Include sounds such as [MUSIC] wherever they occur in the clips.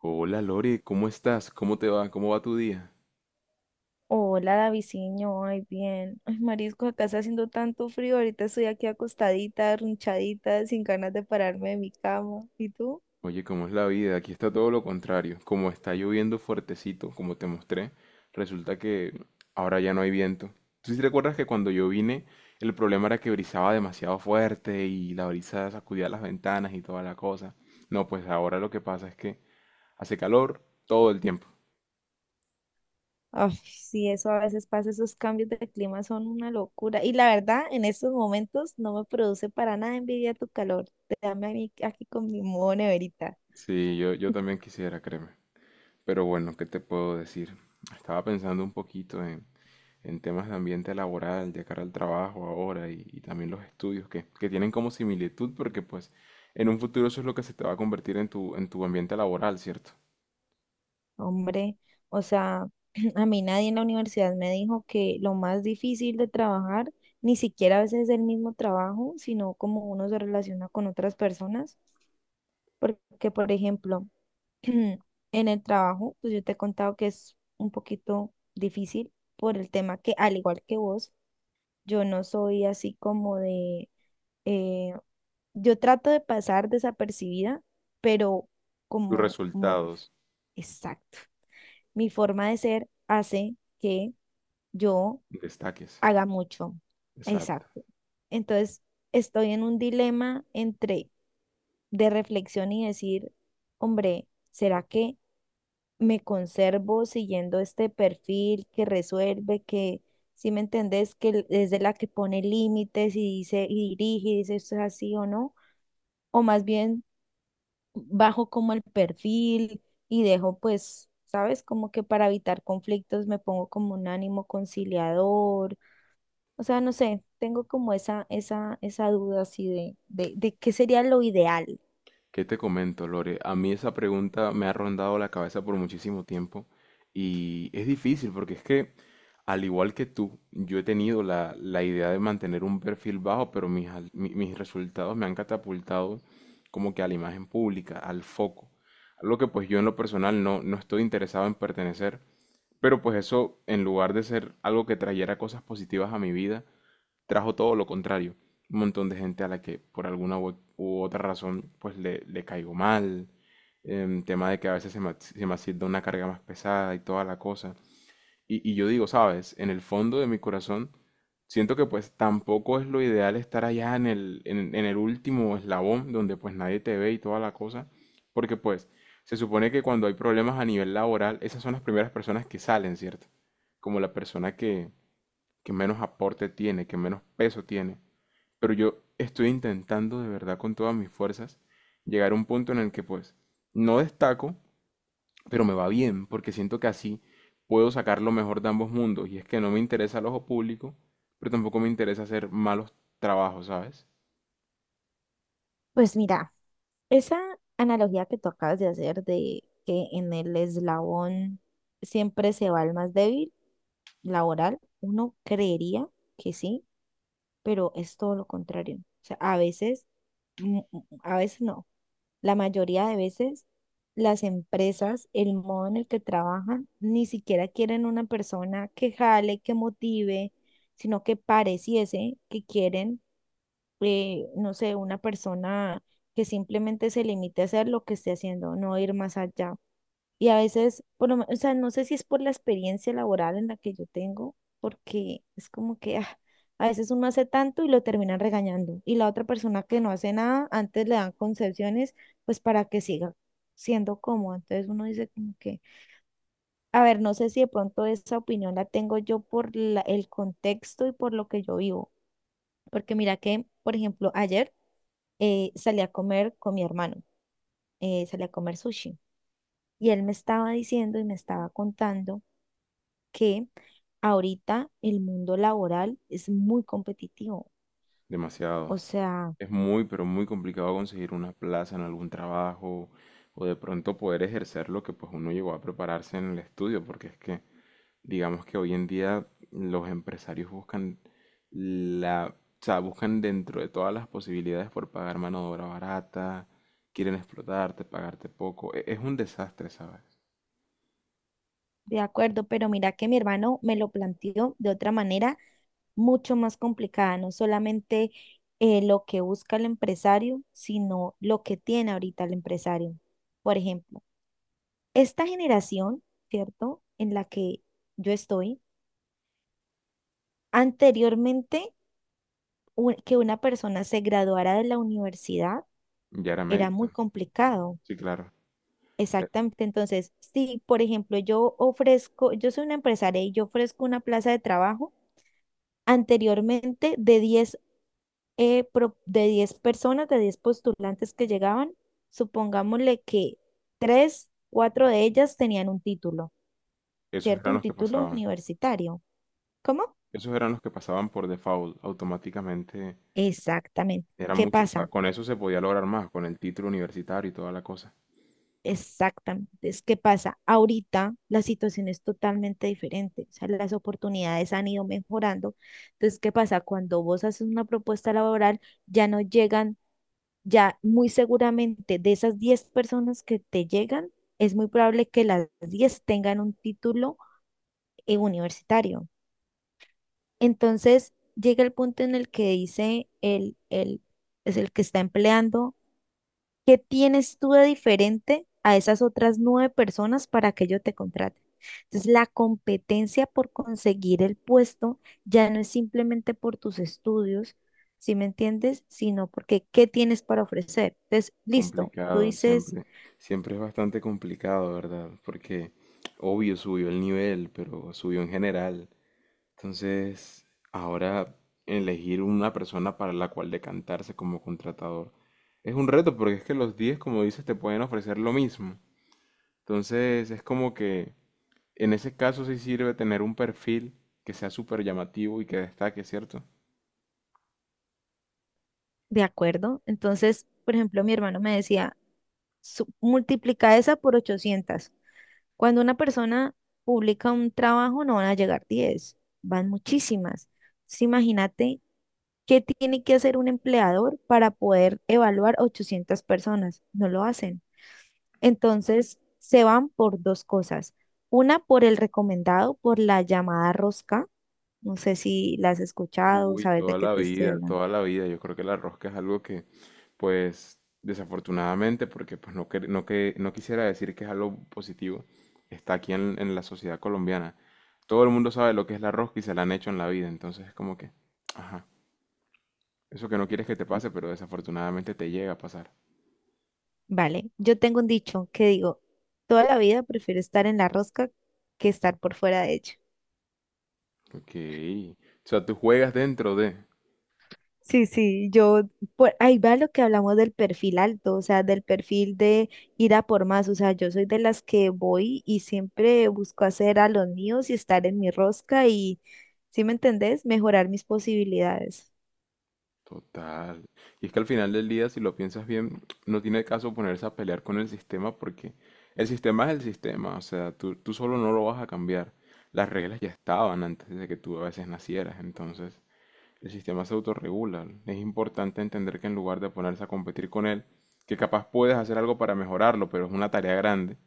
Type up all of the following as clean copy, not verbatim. Hola Lore, ¿cómo estás? ¿Cómo te va? ¿Cómo va tu día? Hola, Daviciño, ay, bien. Ay, Marisco, acá está haciendo tanto frío. Ahorita estoy aquí acostadita, arrunchadita, sin ganas de pararme de mi cama. ¿Y tú? Oye, ¿cómo es la vida? Aquí está todo lo contrario. Como está lloviendo fuertecito, como te mostré, resulta que ahora ya no hay viento. ¿Tú sí te recuerdas que cuando yo vine, el problema era que brisaba demasiado fuerte y la brisa sacudía las ventanas y toda la cosa? No, pues ahora lo que pasa es que hace calor todo el tiempo. Ay, sí, eso a veces pasa, esos cambios de clima son una locura. Y la verdad, en estos momentos no me produce para nada envidia tu calor. Dame a mí aquí con mi modo neverita. Sí, yo también quisiera, créeme. Pero bueno, ¿qué te puedo decir? Estaba pensando un poquito en temas de ambiente laboral, de cara al trabajo ahora y también los estudios que tienen como similitud porque pues en un futuro eso es lo que se te va a convertir en tu ambiente laboral, ¿cierto? Hombre, o sea, [CLEARS THROAT] a mí nadie en la universidad me dijo que lo más difícil de trabajar, ni siquiera a veces es el mismo trabajo, sino cómo uno se relaciona con otras personas. Porque, por ejemplo, [CLEARS THROAT] en el trabajo, pues yo te he contado que es un poquito difícil por el tema que, al igual que vos, yo no soy así como de, eh, yo trato de pasar desapercibida, pero Tus como mi... resultados, Exacto, mi forma de ser hace que yo destaques. haga mucho. Exacto. Exacto. Entonces, estoy en un dilema entre de reflexión y decir, hombre, ¿será que me conservo siguiendo este perfil que resuelve, que, si me entendés, que es de la que pone límites y dice y dirige y dice esto es así o no? O más bien bajo como el perfil y dejo pues, ¿sabes? Como que para evitar conflictos me pongo como un ánimo conciliador. O sea, no sé, tengo como esa duda así de qué sería lo ideal. ¿Qué te comento, Lore? A mí esa pregunta me ha rondado la cabeza por muchísimo tiempo y es difícil porque es que, al igual que tú, yo he tenido la idea de mantener un perfil bajo, pero mis resultados me han catapultado como que a la imagen pública, al foco. Algo que pues yo en lo personal no estoy interesado en pertenecer, pero pues eso, en lugar de ser algo que trayera cosas positivas a mi vida, trajo todo lo contrario. Un montón de gente a la que por alguna u otra razón pues le caigo mal. Tema de que a veces se me asienta una carga más pesada y toda la cosa. Y yo digo, sabes, en el fondo de mi corazón siento que pues tampoco es lo ideal estar allá en el último eslabón donde pues nadie te ve y toda la cosa. Porque pues se supone que cuando hay problemas a nivel laboral, esas son las primeras personas que salen, ¿cierto? Como la persona que menos aporte tiene, que menos peso tiene. Pero yo estoy intentando de verdad con todas mis fuerzas llegar a un punto en el que pues no destaco, pero me va bien, porque siento que así puedo sacar lo mejor de ambos mundos. Y es que no me interesa el ojo público, pero tampoco me interesa hacer malos trabajos, ¿sabes? Pues mira, esa analogía que tú acabas de hacer de que en el eslabón siempre se va el más débil, laboral, uno creería que sí, pero es todo lo contrario. O sea, a veces, a veces no. La mayoría de veces las empresas, el modo en el que trabajan, ni siquiera quieren una persona que jale, que motive, sino que pareciese que quieren, no sé, una persona que simplemente se limite a hacer lo que esté haciendo, no ir más allá. Y a veces, o sea, no sé si es por la experiencia laboral en la que yo tengo, porque es como que ah, a veces uno hace tanto y lo terminan regañando. Y la otra persona que no hace nada, antes le dan concesiones, pues para que siga siendo cómodo. Entonces uno dice como que, a ver, no sé si de pronto esa opinión la tengo yo el contexto y por lo que yo vivo. Porque mira que, por ejemplo, ayer salí a comer con mi hermano, salí a comer sushi. Y él me estaba diciendo y me estaba contando que ahorita el mundo laboral es muy competitivo. O Demasiado. sea, Es muy, pero muy complicado conseguir una plaza en algún trabajo o de pronto poder ejercer lo que pues uno llegó a prepararse en el estudio, porque es que digamos que hoy en día los empresarios buscan la, o sea, buscan dentro de todas las posibilidades por pagar mano de obra barata, quieren explotarte, pagarte poco. Es un desastre, ¿sabes? de acuerdo, pero mira que mi hermano me lo planteó de otra manera mucho más complicada, no solamente lo que busca el empresario, sino lo que tiene ahorita el empresario. Por ejemplo, esta generación, ¿cierto? En la que yo estoy, anteriormente que una persona se graduara de la universidad Ya era era muy mérito. complicado. Sí, claro. E- Exactamente. Entonces, si, por ejemplo, yo ofrezco, yo soy una empresaria y yo ofrezco una plaza de trabajo, anteriormente de 10 de 10 personas, de 10 postulantes que llegaban, supongámosle que 3 4 de ellas tenían un título, Esos ¿cierto? eran Un los que título pasaban. universitario. ¿Cómo? Esos eran los que pasaban por default, automáticamente. Exactamente. Eran ¿Qué muchos. O sea, pasa? con eso se podía lograr más, con el título universitario y toda la cosa. Exactamente. Es que pasa, ahorita la situación es totalmente diferente, o sea, las oportunidades han ido mejorando. Entonces, ¿qué pasa? Cuando vos haces una propuesta laboral, ya no llegan, ya muy seguramente de esas 10 personas que te llegan, es muy probable que las 10 tengan un título universitario. Entonces, llega el punto en el que dice es el que está empleando. ¿Qué tienes tú de diferente a esas otras nueve personas para que yo te contrate? Entonces, la competencia por conseguir el puesto ya no es simplemente por tus estudios, ¿sí me entiendes? Sino porque ¿qué tienes para ofrecer? Entonces, listo, tú Complicado, dices, siempre es bastante complicado, ¿verdad? Porque obvio subió el nivel, pero subió en general. Entonces, ahora elegir una persona para la cual decantarse como contratador es un reto, porque es que los 10 como dices, te pueden ofrecer lo mismo. Entonces, es como que en ese caso sí sirve tener un perfil que sea súper llamativo y que destaque, ¿cierto? de acuerdo. Entonces, por ejemplo, mi hermano me decía, "Su- multiplica esa por 800. Cuando una persona publica un trabajo, no van a llegar 10, van muchísimas. Entonces, imagínate, ¿qué tiene que hacer un empleador para poder evaluar 800 personas? No lo hacen. Entonces, se van por dos cosas. Una, por el recomendado, por la llamada rosca. No sé si la has escuchado, Uy, sabes de toda qué la te estoy vida, hablando. toda la vida. Yo creo que la rosca es algo que, pues, desafortunadamente, porque pues no quisiera decir que es algo positivo, está aquí en la sociedad colombiana. Todo el mundo sabe lo que es la rosca y se la han hecho en la vida, entonces es como que, ajá, eso que no quieres que te pase, pero desafortunadamente te llega a pasar. Vale, yo tengo un dicho que digo, toda la vida prefiero estar en la rosca que estar por fuera de ella. Ok, o sea, tú juegas dentro de... Sí, sí, yo, por ahí va lo que hablamos del perfil alto, o sea, del perfil de ir a por más, o sea, yo soy de las que voy y siempre busco hacer a los míos y estar en mi rosca y, ¿sí me entendés? Mejorar mis posibilidades. Total. Y es que al final del día, si lo piensas bien, no tiene caso ponerse a pelear con el sistema porque el sistema es el sistema, o sea, tú solo no lo vas a cambiar. Las reglas ya estaban antes de que tú a veces nacieras, entonces el sistema se autorregula. Es importante entender que en lugar de ponerse a competir con él, que capaz puedes hacer algo para mejorarlo, pero es una tarea grande,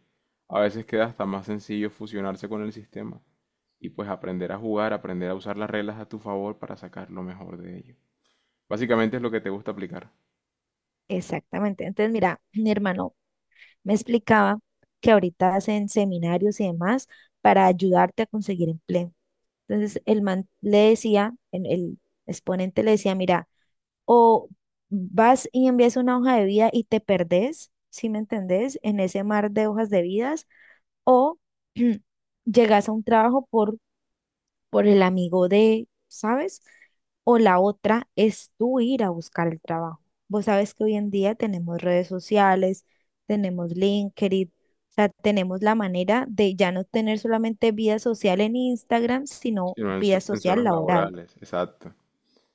a veces queda hasta más sencillo fusionarse con el sistema y pues aprender a jugar, aprender a usar las reglas a tu favor para sacar lo mejor de ello. Básicamente es lo que te gusta aplicar, Exactamente. Entonces, mira, mi hermano me explicaba que ahorita hacen seminarios y demás para ayudarte a conseguir empleo. Entonces, el man le decía, el exponente le decía, mira, o vas y envías una hoja de vida y te perdés, si me entendés? En ese mar de hojas de vidas, o [CLEARS THROAT] llegas a un trabajo por el amigo de, ¿sabes? O la otra es tú ir a buscar el trabajo. Vos sabes que hoy en día tenemos redes sociales, tenemos LinkedIn, o sea, tenemos la manera de ya no tener solamente vida social en Instagram, sino sino vida en social zonas laboral. laborales. Exacto,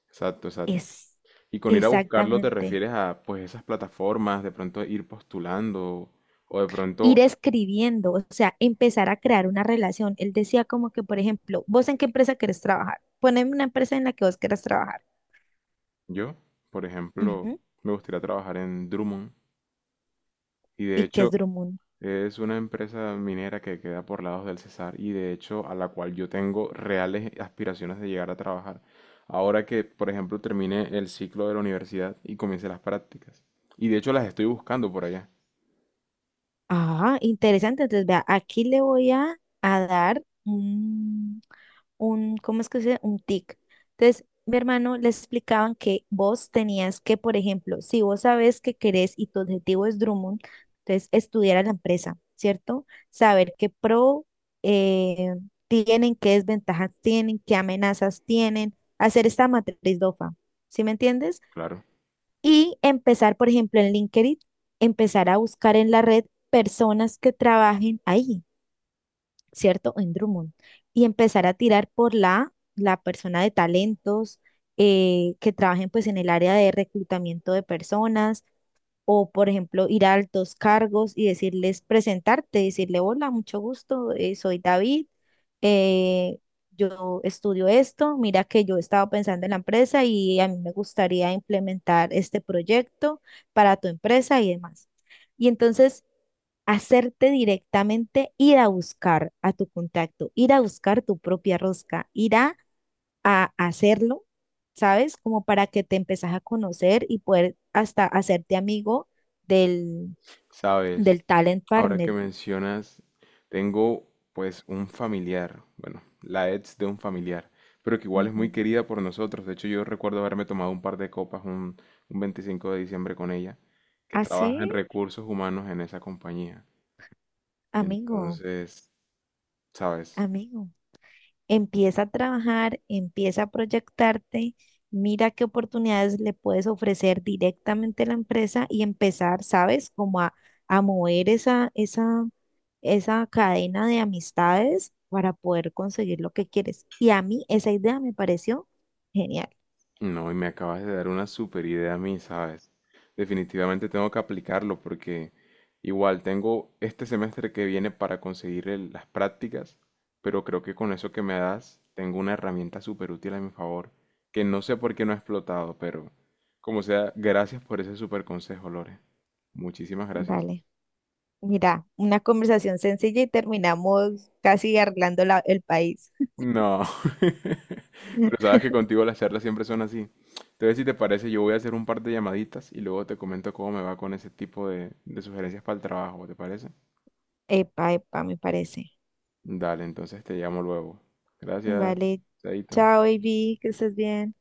exacto, exacto. Es Y con ir a buscarlo te exactamente. refieres a pues esas plataformas, de pronto ir postulando o de Ir pronto escribiendo, o sea, empezar a crear una relación. Él decía como que, por ejemplo, ¿vos en qué empresa querés trabajar? Poneme una empresa en la que vos querés trabajar. yo, por ejemplo, Ujú. me gustaría trabajar en Drummond y de ¿Y qué es hecho Drummond? es una empresa minera que queda por lados del Cesar y de hecho a la cual yo tengo reales aspiraciones de llegar a trabajar. Ahora que, por ejemplo, termine el ciclo de la universidad y comience las prácticas. Y de hecho las estoy buscando por allá. Ah, interesante. Entonces, vea, aquí le voy a dar un, ¿cómo es que se dice? Un tic. Entonces, mi hermano le explicaban que vos tenías que, por ejemplo, si vos sabes que querés y tu objetivo es Drummond, entonces estudiar a la empresa, ¿cierto? Saber qué pro eh, tienen, qué desventajas tienen, qué amenazas tienen, hacer esta matriz DOFA, ¿sí me entiendes? Claro. Y empezar, por ejemplo, en LinkedIn, empezar a buscar en la red personas que trabajen ahí, ¿cierto? En Drummond. Y empezar a tirar por la persona de talentos que trabajen pues en el área de reclutamiento de personas o, por ejemplo, ir a altos cargos y decirles, presentarte, decirle, hola, mucho gusto, soy David, eh, yo estudio esto, mira que yo estaba pensando en la empresa y a mí me gustaría implementar este proyecto para tu empresa y demás. Y entonces hacerte directamente ir a buscar a tu contacto, ir a buscar tu propia rosca, ir a hacerlo, ¿sabes? Como para que te empezás a conocer y poder hasta hacerte amigo del, Sabes, del talent ahora que partner. mencionas, tengo pues un familiar, bueno, la ex de un familiar, pero que igual es muy Ujú. querida por nosotros. De hecho, yo recuerdo haberme tomado un par de copas un 25 de diciembre con ella, que Así, trabaja en recursos humanos en esa compañía. amigo, Entonces, sabes, amigo, empieza a trabajar, empieza a proyectarte. Mira qué oportunidades le puedes ofrecer directamente a la empresa y empezar, ¿sabes? Como a mover esa cadena de amistades para poder conseguir lo que quieres. Y a mí esa idea me pareció genial. no, y me acabas de dar una super idea a mí, ¿sabes? Definitivamente tengo que aplicarlo porque igual tengo este semestre que viene para conseguir las prácticas, pero creo que con eso que me das tengo una herramienta súper útil a mi favor, que no sé por qué no he explotado, pero como sea, gracias por ese super consejo, Lore. Muchísimas gracias. Vale, mira, una conversación sencilla y terminamos casi arreglando el país. No. [LAUGHS] Pero [LAUGHS] sabes que contigo las charlas siempre son así. Entonces, si te parece, yo voy a hacer un par de llamaditas y luego te comento cómo me va con ese tipo de sugerencias para el trabajo, ¿te parece? Epa, epa, me parece. Dale, entonces te llamo luego. Gracias, Vale, chaito. chao, baby, que estés bien.